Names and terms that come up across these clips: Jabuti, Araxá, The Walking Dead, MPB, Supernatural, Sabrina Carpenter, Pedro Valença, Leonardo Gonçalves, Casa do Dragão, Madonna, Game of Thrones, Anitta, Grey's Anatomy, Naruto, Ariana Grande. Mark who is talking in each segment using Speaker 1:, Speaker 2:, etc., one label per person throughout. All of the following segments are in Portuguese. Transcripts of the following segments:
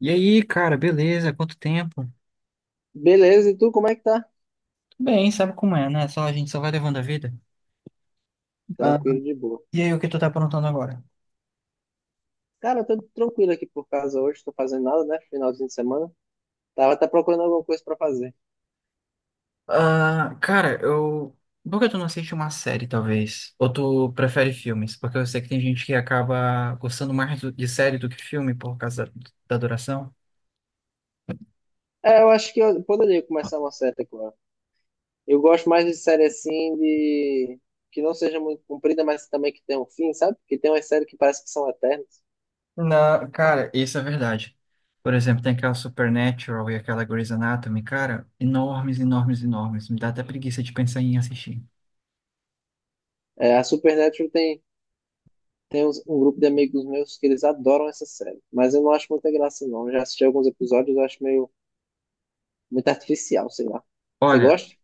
Speaker 1: E aí, cara, beleza? Quanto tempo?
Speaker 2: Beleza, e tu como é que tá?
Speaker 1: Tudo bem, sabe como é, né? Só a gente só vai levando a vida. Ah,
Speaker 2: Tranquilo, de boa.
Speaker 1: e aí, o que tu tá aprontando agora?
Speaker 2: Cara, eu tô tranquilo aqui por casa hoje, tô fazendo nada, né? Finalzinho de semana. Tava até procurando alguma coisa pra fazer.
Speaker 1: Ah, cara, eu. Por que tu não assiste uma série, talvez? Ou tu prefere filmes? Porque eu sei que tem gente que acaba gostando mais de série do que filme por causa da duração.
Speaker 2: É, eu acho que eu poderia começar uma série agora. Eu gosto mais de série assim, de... que não seja muito comprida, mas também que tenha um fim, sabe? Que tem umas séries que parece que são eternas.
Speaker 1: Não, cara, isso é verdade. Por exemplo, tem aquela Supernatural e aquela Grey's Anatomy, cara, enormes, enormes, enormes. Me dá até preguiça de pensar em assistir.
Speaker 2: É, a Supernatural tem, um grupo de amigos meus que eles adoram essa série. Mas eu não acho muita graça, não. Eu já assisti alguns episódios, eu acho meio muito artificial, sei lá. Você
Speaker 1: Olha.
Speaker 2: gosta?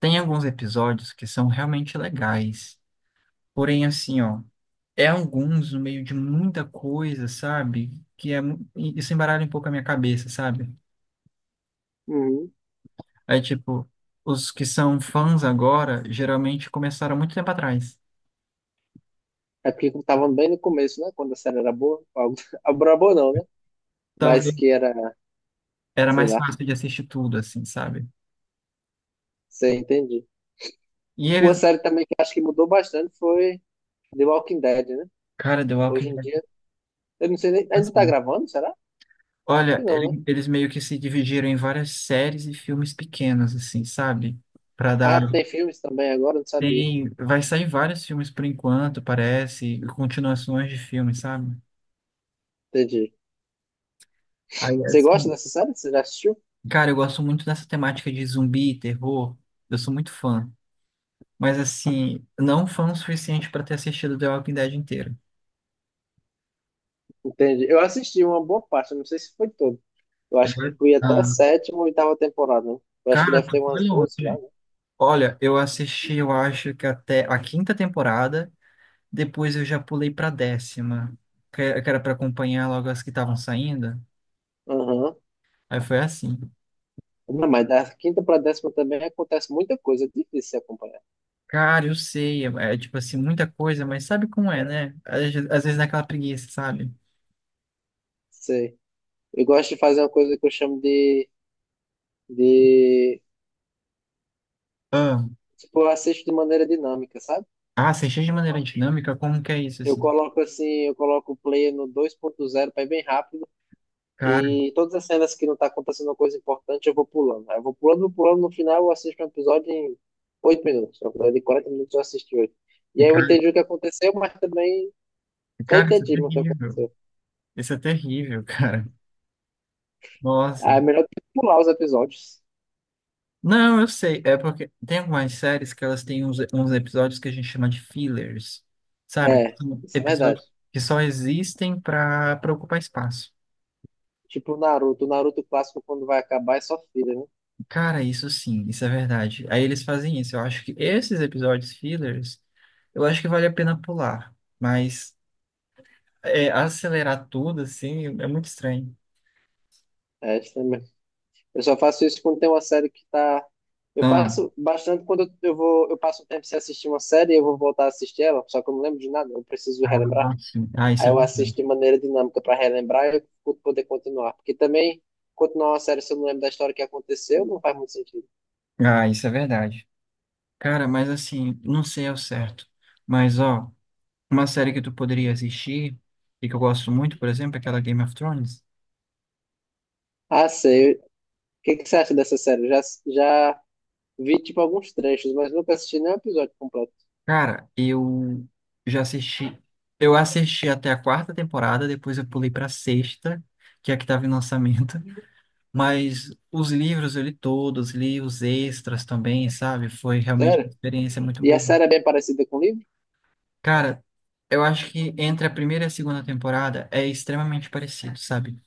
Speaker 1: Tem alguns episódios que são realmente legais. Porém, assim, ó, é alguns no meio de muita coisa, sabe? E isso embaralha um pouco a minha cabeça, sabe?
Speaker 2: Uhum.
Speaker 1: É tipo, os que são fãs agora, geralmente começaram muito tempo atrás.
Speaker 2: É porque tava bem no começo, né? Quando a série era boa. Algo era boa não, né? Mas
Speaker 1: Talvez
Speaker 2: que era,
Speaker 1: era
Speaker 2: sei
Speaker 1: mais
Speaker 2: lá,
Speaker 1: fácil de assistir tudo, assim, sabe?
Speaker 2: você entende.
Speaker 1: E
Speaker 2: Uma
Speaker 1: eles,
Speaker 2: série também que acho que mudou bastante foi The Walking Dead, né?
Speaker 1: cara, The Walking
Speaker 2: Hoje em
Speaker 1: Dead,
Speaker 2: dia, eu não sei nem, ainda tá
Speaker 1: assim,
Speaker 2: gravando, será? Acho que
Speaker 1: olha,
Speaker 2: não, né?
Speaker 1: eles meio que se dividiram em várias séries e filmes pequenos, assim, sabe? Pra dar.
Speaker 2: Ah, tem filmes também agora, não sabia.
Speaker 1: Tem, vai sair vários filmes por enquanto, parece, e continuações de filmes, sabe?
Speaker 2: Entendi.
Speaker 1: Aí,
Speaker 2: Você gosta
Speaker 1: assim,
Speaker 2: dessa série? Você já assistiu?
Speaker 1: cara, eu gosto muito dessa temática de zumbi, terror, eu sou muito fã. Mas, assim, não fã o suficiente para ter assistido The Walking Dead inteiro.
Speaker 2: Entendi. Eu assisti uma boa parte, eu não sei se foi todo. Eu acho que
Speaker 1: Eu.
Speaker 2: fui até a
Speaker 1: Ah,
Speaker 2: sétima ou oitava temporada, né? Eu acho que
Speaker 1: cara,
Speaker 2: deve
Speaker 1: tu
Speaker 2: ter
Speaker 1: foi
Speaker 2: umas 12
Speaker 1: longe.
Speaker 2: já, né?
Speaker 1: Olha, eu assisti, eu acho que até a quinta temporada, depois eu já pulei pra décima, que era pra acompanhar logo as que estavam saindo.
Speaker 2: Aham.
Speaker 1: Aí foi assim.
Speaker 2: Não, mas da quinta para décima também acontece muita coisa, é difícil se acompanhar.
Speaker 1: Cara, eu sei, tipo assim, muita coisa, mas sabe como é, né? Às vezes naquela preguiça, sabe?
Speaker 2: Sei. Eu gosto de fazer uma coisa que eu chamo de...
Speaker 1: Ah,
Speaker 2: Tipo, eu assisto de maneira dinâmica, sabe?
Speaker 1: você enche de maneira dinâmica, como que é isso,
Speaker 2: Eu
Speaker 1: assim?
Speaker 2: coloco assim, eu coloco o play no dois ponto zero para ir bem rápido
Speaker 1: Cara,
Speaker 2: e todas as cenas que não tá acontecendo uma coisa importante eu vou pulando. Aí eu vou pulando, no final eu assisto um episódio em 8 minutos. Um episódio de 40 minutos eu assisti oito. E aí eu
Speaker 1: cara,
Speaker 2: entendi o que aconteceu, mas também só
Speaker 1: cara, isso é
Speaker 2: entendi o que
Speaker 1: terrível.
Speaker 2: aconteceu.
Speaker 1: Isso é terrível, cara.
Speaker 2: Ah, é
Speaker 1: Nossa.
Speaker 2: melhor que pular os episódios.
Speaker 1: Não, eu sei, é porque tem algumas séries que elas têm uns episódios que a gente chama de fillers, sabe? Que
Speaker 2: É,
Speaker 1: são
Speaker 2: isso é verdade.
Speaker 1: episódios que só existem para ocupar espaço.
Speaker 2: Tipo o Naruto clássico quando vai acabar é só filler, né?
Speaker 1: Cara, isso sim, isso é verdade. Aí eles fazem isso. Eu acho que esses episódios fillers, eu acho que vale a pena pular. Mas é, acelerar tudo, assim, é muito estranho.
Speaker 2: É, isso também. Eu só faço isso quando tem uma série que tá. Eu
Speaker 1: Ah,
Speaker 2: faço bastante quando eu vou, eu passo um tempo sem assistir uma série e eu vou voltar a assistir ela, só que eu não lembro de nada, eu preciso
Speaker 1: ah,
Speaker 2: relembrar.
Speaker 1: sim. Ah, isso
Speaker 2: Aí
Speaker 1: é
Speaker 2: eu assisto
Speaker 1: verdade.
Speaker 2: de maneira dinâmica para relembrar e eu poder continuar. Porque também, continuar uma série se eu não lembro da história que aconteceu, não faz muito sentido.
Speaker 1: Ah, isso é verdade. Cara, mas assim, não sei ao certo. Mas, ó, uma série que tu poderia assistir, e que eu gosto muito, por exemplo, é aquela Game of Thrones.
Speaker 2: Ah, sei. O que que você acha dessa série? Eu já vi, tipo, alguns trechos, mas nunca assisti nenhum episódio completo.
Speaker 1: Cara, eu já assisti. Eu assisti até a quarta temporada, depois eu pulei pra sexta, que é a que tava em lançamento. Mas os livros eu li todos, li os extras também, sabe? Foi realmente uma
Speaker 2: Sério?
Speaker 1: experiência muito
Speaker 2: E a
Speaker 1: boa.
Speaker 2: série é bem parecida com o livro?
Speaker 1: Cara, eu acho que entre a primeira e a segunda temporada é extremamente parecido, sabe?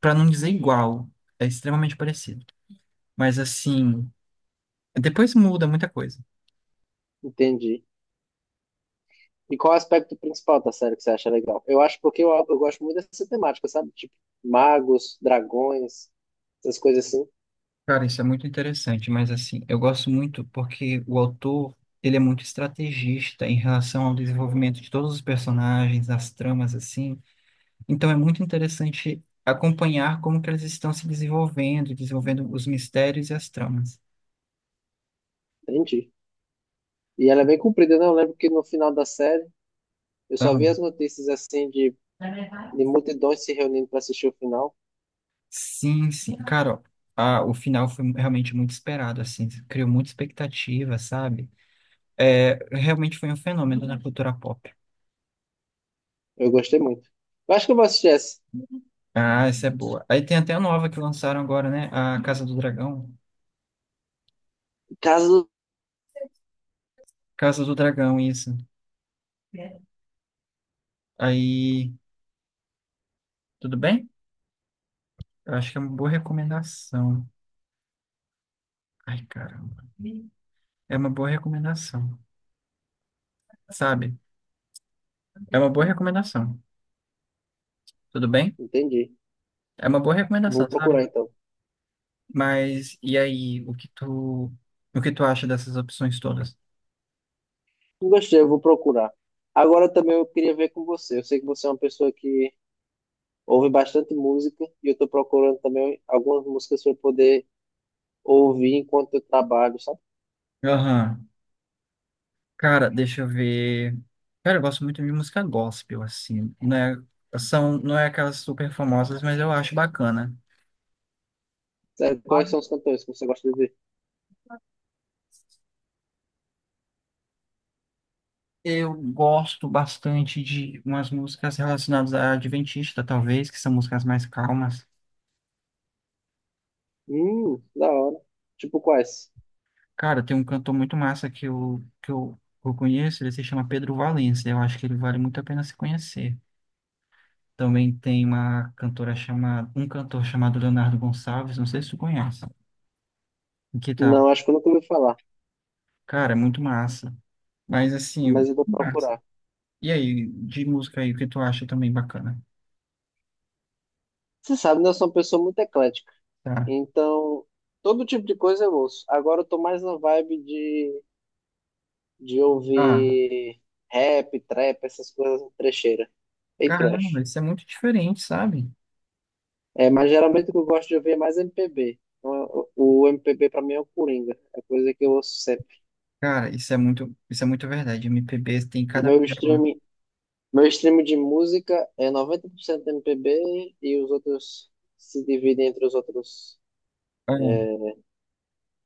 Speaker 1: Pra não dizer igual, é extremamente parecido. Mas assim, depois muda muita coisa.
Speaker 2: Entendi. E qual é o aspecto principal da série que você acha legal? Eu acho porque eu gosto muito dessa temática, sabe? Tipo, magos, dragões, essas coisas assim.
Speaker 1: Cara, isso é muito interessante, mas assim, eu gosto muito porque o autor, ele é muito estrategista em relação ao desenvolvimento de todos os personagens, as tramas, assim. Então é muito interessante acompanhar como que eles estão se desenvolvendo, desenvolvendo os mistérios e as tramas.
Speaker 2: Entendi. E ela é bem comprida, né? Eu lembro que no final da série, eu só vi
Speaker 1: Então,
Speaker 2: as notícias assim de multidões se reunindo pra assistir o final.
Speaker 1: sim, sim. Cara, ó, o final foi realmente muito esperado, assim, criou muita expectativa, sabe? É, realmente foi um fenômeno na cultura pop.
Speaker 2: Eu gostei muito. Eu acho que eu vou assistir essa.
Speaker 1: Ah, essa é boa. Aí tem até a nova que lançaram agora, né? A Casa do Dragão.
Speaker 2: Caso.
Speaker 1: Casa do Dragão, isso. Aí, tudo bem? Eu acho que é uma boa recomendação. Ai, caramba. É uma boa recomendação, sabe? É uma boa recomendação. Tudo bem?
Speaker 2: Entendi.
Speaker 1: É uma boa
Speaker 2: Vou
Speaker 1: recomendação,
Speaker 2: procurar
Speaker 1: sabe?
Speaker 2: então.
Speaker 1: Mas e aí, o que tu acha dessas opções todas?
Speaker 2: Não gostei, eu vou procurar. Agora também eu queria ver com você. Eu sei que você é uma pessoa que ouve bastante música e eu tô procurando também algumas músicas para poder ouvir enquanto eu trabalho, sabe?
Speaker 1: Aham. Cara, deixa eu ver. Cara, eu gosto muito de música gospel, assim. Não é aquelas super famosas, mas eu acho bacana.
Speaker 2: Sabe quais
Speaker 1: Sabe?
Speaker 2: são os cantores que você gosta de ouvir?
Speaker 1: Eu gosto bastante de umas músicas relacionadas à Adventista, talvez, que são músicas mais calmas.
Speaker 2: Da hora. Tipo quais?
Speaker 1: Cara, tem um cantor muito massa que eu conheço, ele se chama Pedro Valença. Eu acho que ele vale muito a pena se conhecer. Também tem uma um cantor chamado Leonardo Gonçalves, não sei se tu conhece, que tá,
Speaker 2: Não, acho que eu nunca ouvi falar,
Speaker 1: cara, é muito massa. Mas assim,
Speaker 2: mas eu vou
Speaker 1: mas-
Speaker 2: procurar.
Speaker 1: e aí, de música aí, o que tu acha também bacana?
Speaker 2: Você sabe, né? Eu sou uma pessoa muito eclética,
Speaker 1: Tá.
Speaker 2: então todo tipo de coisa eu ouço. Agora eu tô mais na vibe de
Speaker 1: Ah,
Speaker 2: ouvir rap, trap, essas coisas trecheira e
Speaker 1: caramba,
Speaker 2: trash.
Speaker 1: isso é muito diferente, sabe?
Speaker 2: É, mas geralmente o que eu gosto de ouvir é mais MPB. Então, o MPB pra mim é o Coringa, é a coisa que eu ouço sempre.
Speaker 1: Cara, isso é muito verdade. MPB tem cada
Speaker 2: Meu
Speaker 1: pérola.
Speaker 2: streaming Meu stream de música é 90% MPB e os outros se dividem entre os outros,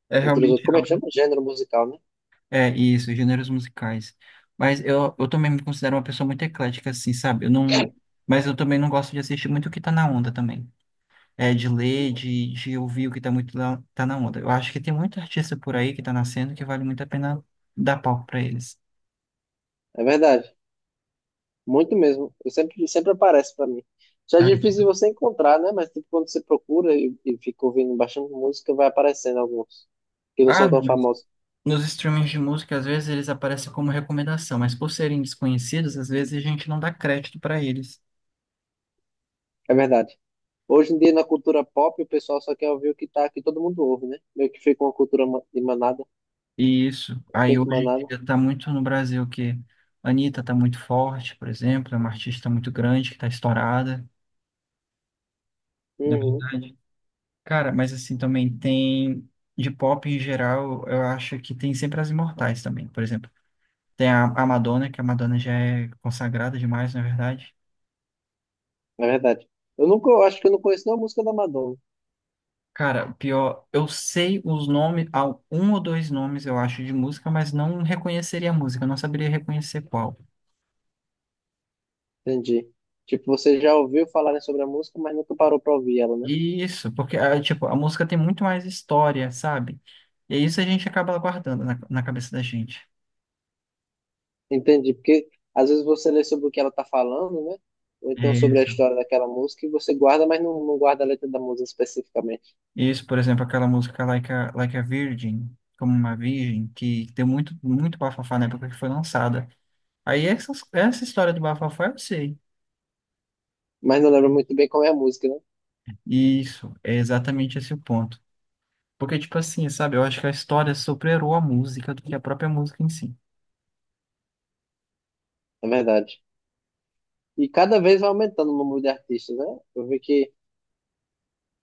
Speaker 1: É, é realmente
Speaker 2: como é que
Speaker 1: algo.
Speaker 2: chama? Gênero musical, né?
Speaker 1: É isso, gêneros musicais. Mas eu também me considero uma pessoa muito eclética, assim, sabe? Eu não, mas eu também não gosto de assistir muito o que tá na onda também. É, de ouvir o que tá muito lá tá na onda. Eu acho que tem muito artista por aí que tá nascendo que vale muito a pena dar palco pra eles.
Speaker 2: É verdade, muito mesmo. Eu sempre, sempre aparece para mim. Já é
Speaker 1: É.
Speaker 2: difícil você encontrar, né? Mas tipo, quando você procura e fica ouvindo baixando música, vai aparecendo alguns que não são
Speaker 1: Ah,
Speaker 2: tão
Speaker 1: nos
Speaker 2: famosos.
Speaker 1: nos streamings de música, às vezes eles aparecem como recomendação, mas por serem desconhecidos, às vezes a gente não dá crédito para eles.
Speaker 2: É verdade. Hoje em dia, na cultura pop, o pessoal só quer ouvir o que tá, que todo mundo ouve, né? Meio que fica uma de manada,
Speaker 1: E isso, aí
Speaker 2: feito
Speaker 1: hoje em
Speaker 2: manada.
Speaker 1: dia tá muito no Brasil que a Anitta tá muito forte, por exemplo, é uma artista muito grande que tá estourada, na
Speaker 2: Uhum,
Speaker 1: verdade. Cara, mas assim também tem de pop em geral, eu acho que tem sempre as imortais também, por exemplo. Tem a Madonna, que a Madonna já é consagrada demais, na verdade.
Speaker 2: é verdade. Eu nunca, eu acho que eu não conheço nenhuma música da Madonna.
Speaker 1: Cara, pior, eu sei os nomes, há um ou dois nomes, eu acho, de música, mas não reconheceria a música, não saberia reconhecer qual.
Speaker 2: Entendi. Tipo, você já ouviu falarem sobre a música, mas nunca parou para ouvir ela, né?
Speaker 1: Isso, porque, ah, tipo, a música tem muito mais história, sabe? E isso a gente acaba guardando na cabeça da gente.
Speaker 2: Entendi, porque às vezes você lê sobre o que ela tá falando, né? Ou então
Speaker 1: É
Speaker 2: sobre a
Speaker 1: isso.
Speaker 2: história daquela música e você guarda, mas não guarda a letra da música especificamente.
Speaker 1: Isso, por exemplo, aquela música Like a Virgin, como uma virgem, que deu muito bafafá na época que foi lançada. Aí essa história do bafafá eu sei.
Speaker 2: Mas não lembra muito bem qual é a música, né?
Speaker 1: Isso, é exatamente esse o ponto. Porque, tipo assim, sabe? Eu acho que a história superou a música do que a própria música em si.
Speaker 2: Na verdade. E cada vez vai aumentando o número de artistas, né? Eu vi que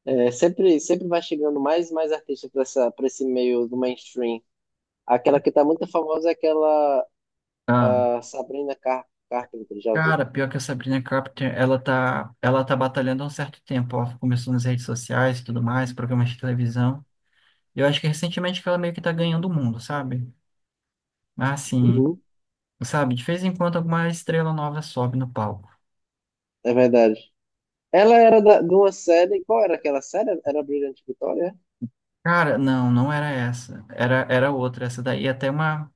Speaker 2: é, sempre, sempre vai chegando mais e mais artistas para essa, para esse meio do mainstream. Aquela que tá muito famosa é aquela
Speaker 1: Ah,
Speaker 2: ah, Sabrina Carpenter, já viu?
Speaker 1: cara, pior que a Sabrina Carpenter, ela tá batalhando há um certo tempo. Ela começou nas redes sociais e tudo mais, programas de televisão. E eu acho que recentemente que ela meio que tá ganhando o mundo, sabe? Mas assim,
Speaker 2: Uhum.
Speaker 1: sabe? De vez em quando alguma estrela nova sobe no palco.
Speaker 2: É verdade. De uma série. Qual era aquela série? Era Brilhante Vitória?
Speaker 1: Cara, não, não era essa. Era, era outra. Essa daí é até uma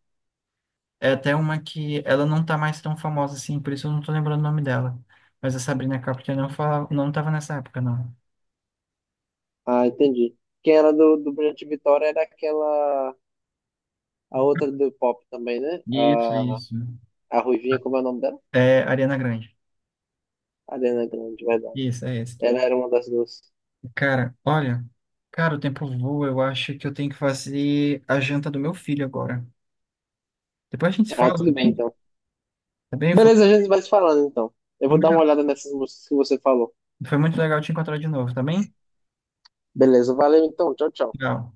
Speaker 1: É até uma que ela não tá mais tão famosa assim, por isso eu não tô lembrando o nome dela. Mas a Sabrina Carpenter não fala, não tava nessa época, não.
Speaker 2: Ah, entendi. Que era do Brilhante Vitória era aquela. A outra do pop também, né?
Speaker 1: Isso, isso.
Speaker 2: A Ruivinha, como é o nome dela?
Speaker 1: É Ariana Grande.
Speaker 2: Ariana Grande, verdade.
Speaker 1: Isso, é esse.
Speaker 2: Ela era uma das duas.
Speaker 1: Cara, olha, cara, o tempo voa, eu acho que eu tenho que fazer a janta do meu filho agora. Depois a gente se
Speaker 2: Ah,
Speaker 1: fala, tá
Speaker 2: tudo bem
Speaker 1: bem?
Speaker 2: então.
Speaker 1: Tá bem?
Speaker 2: Beleza, a gente vai se falando então. Eu
Speaker 1: Foi
Speaker 2: vou dar uma
Speaker 1: muito,
Speaker 2: olhada nessas músicas que você falou.
Speaker 1: foi muito legal te encontrar de novo, tá bem?
Speaker 2: Beleza, valeu então. Tchau, tchau.
Speaker 1: Legal.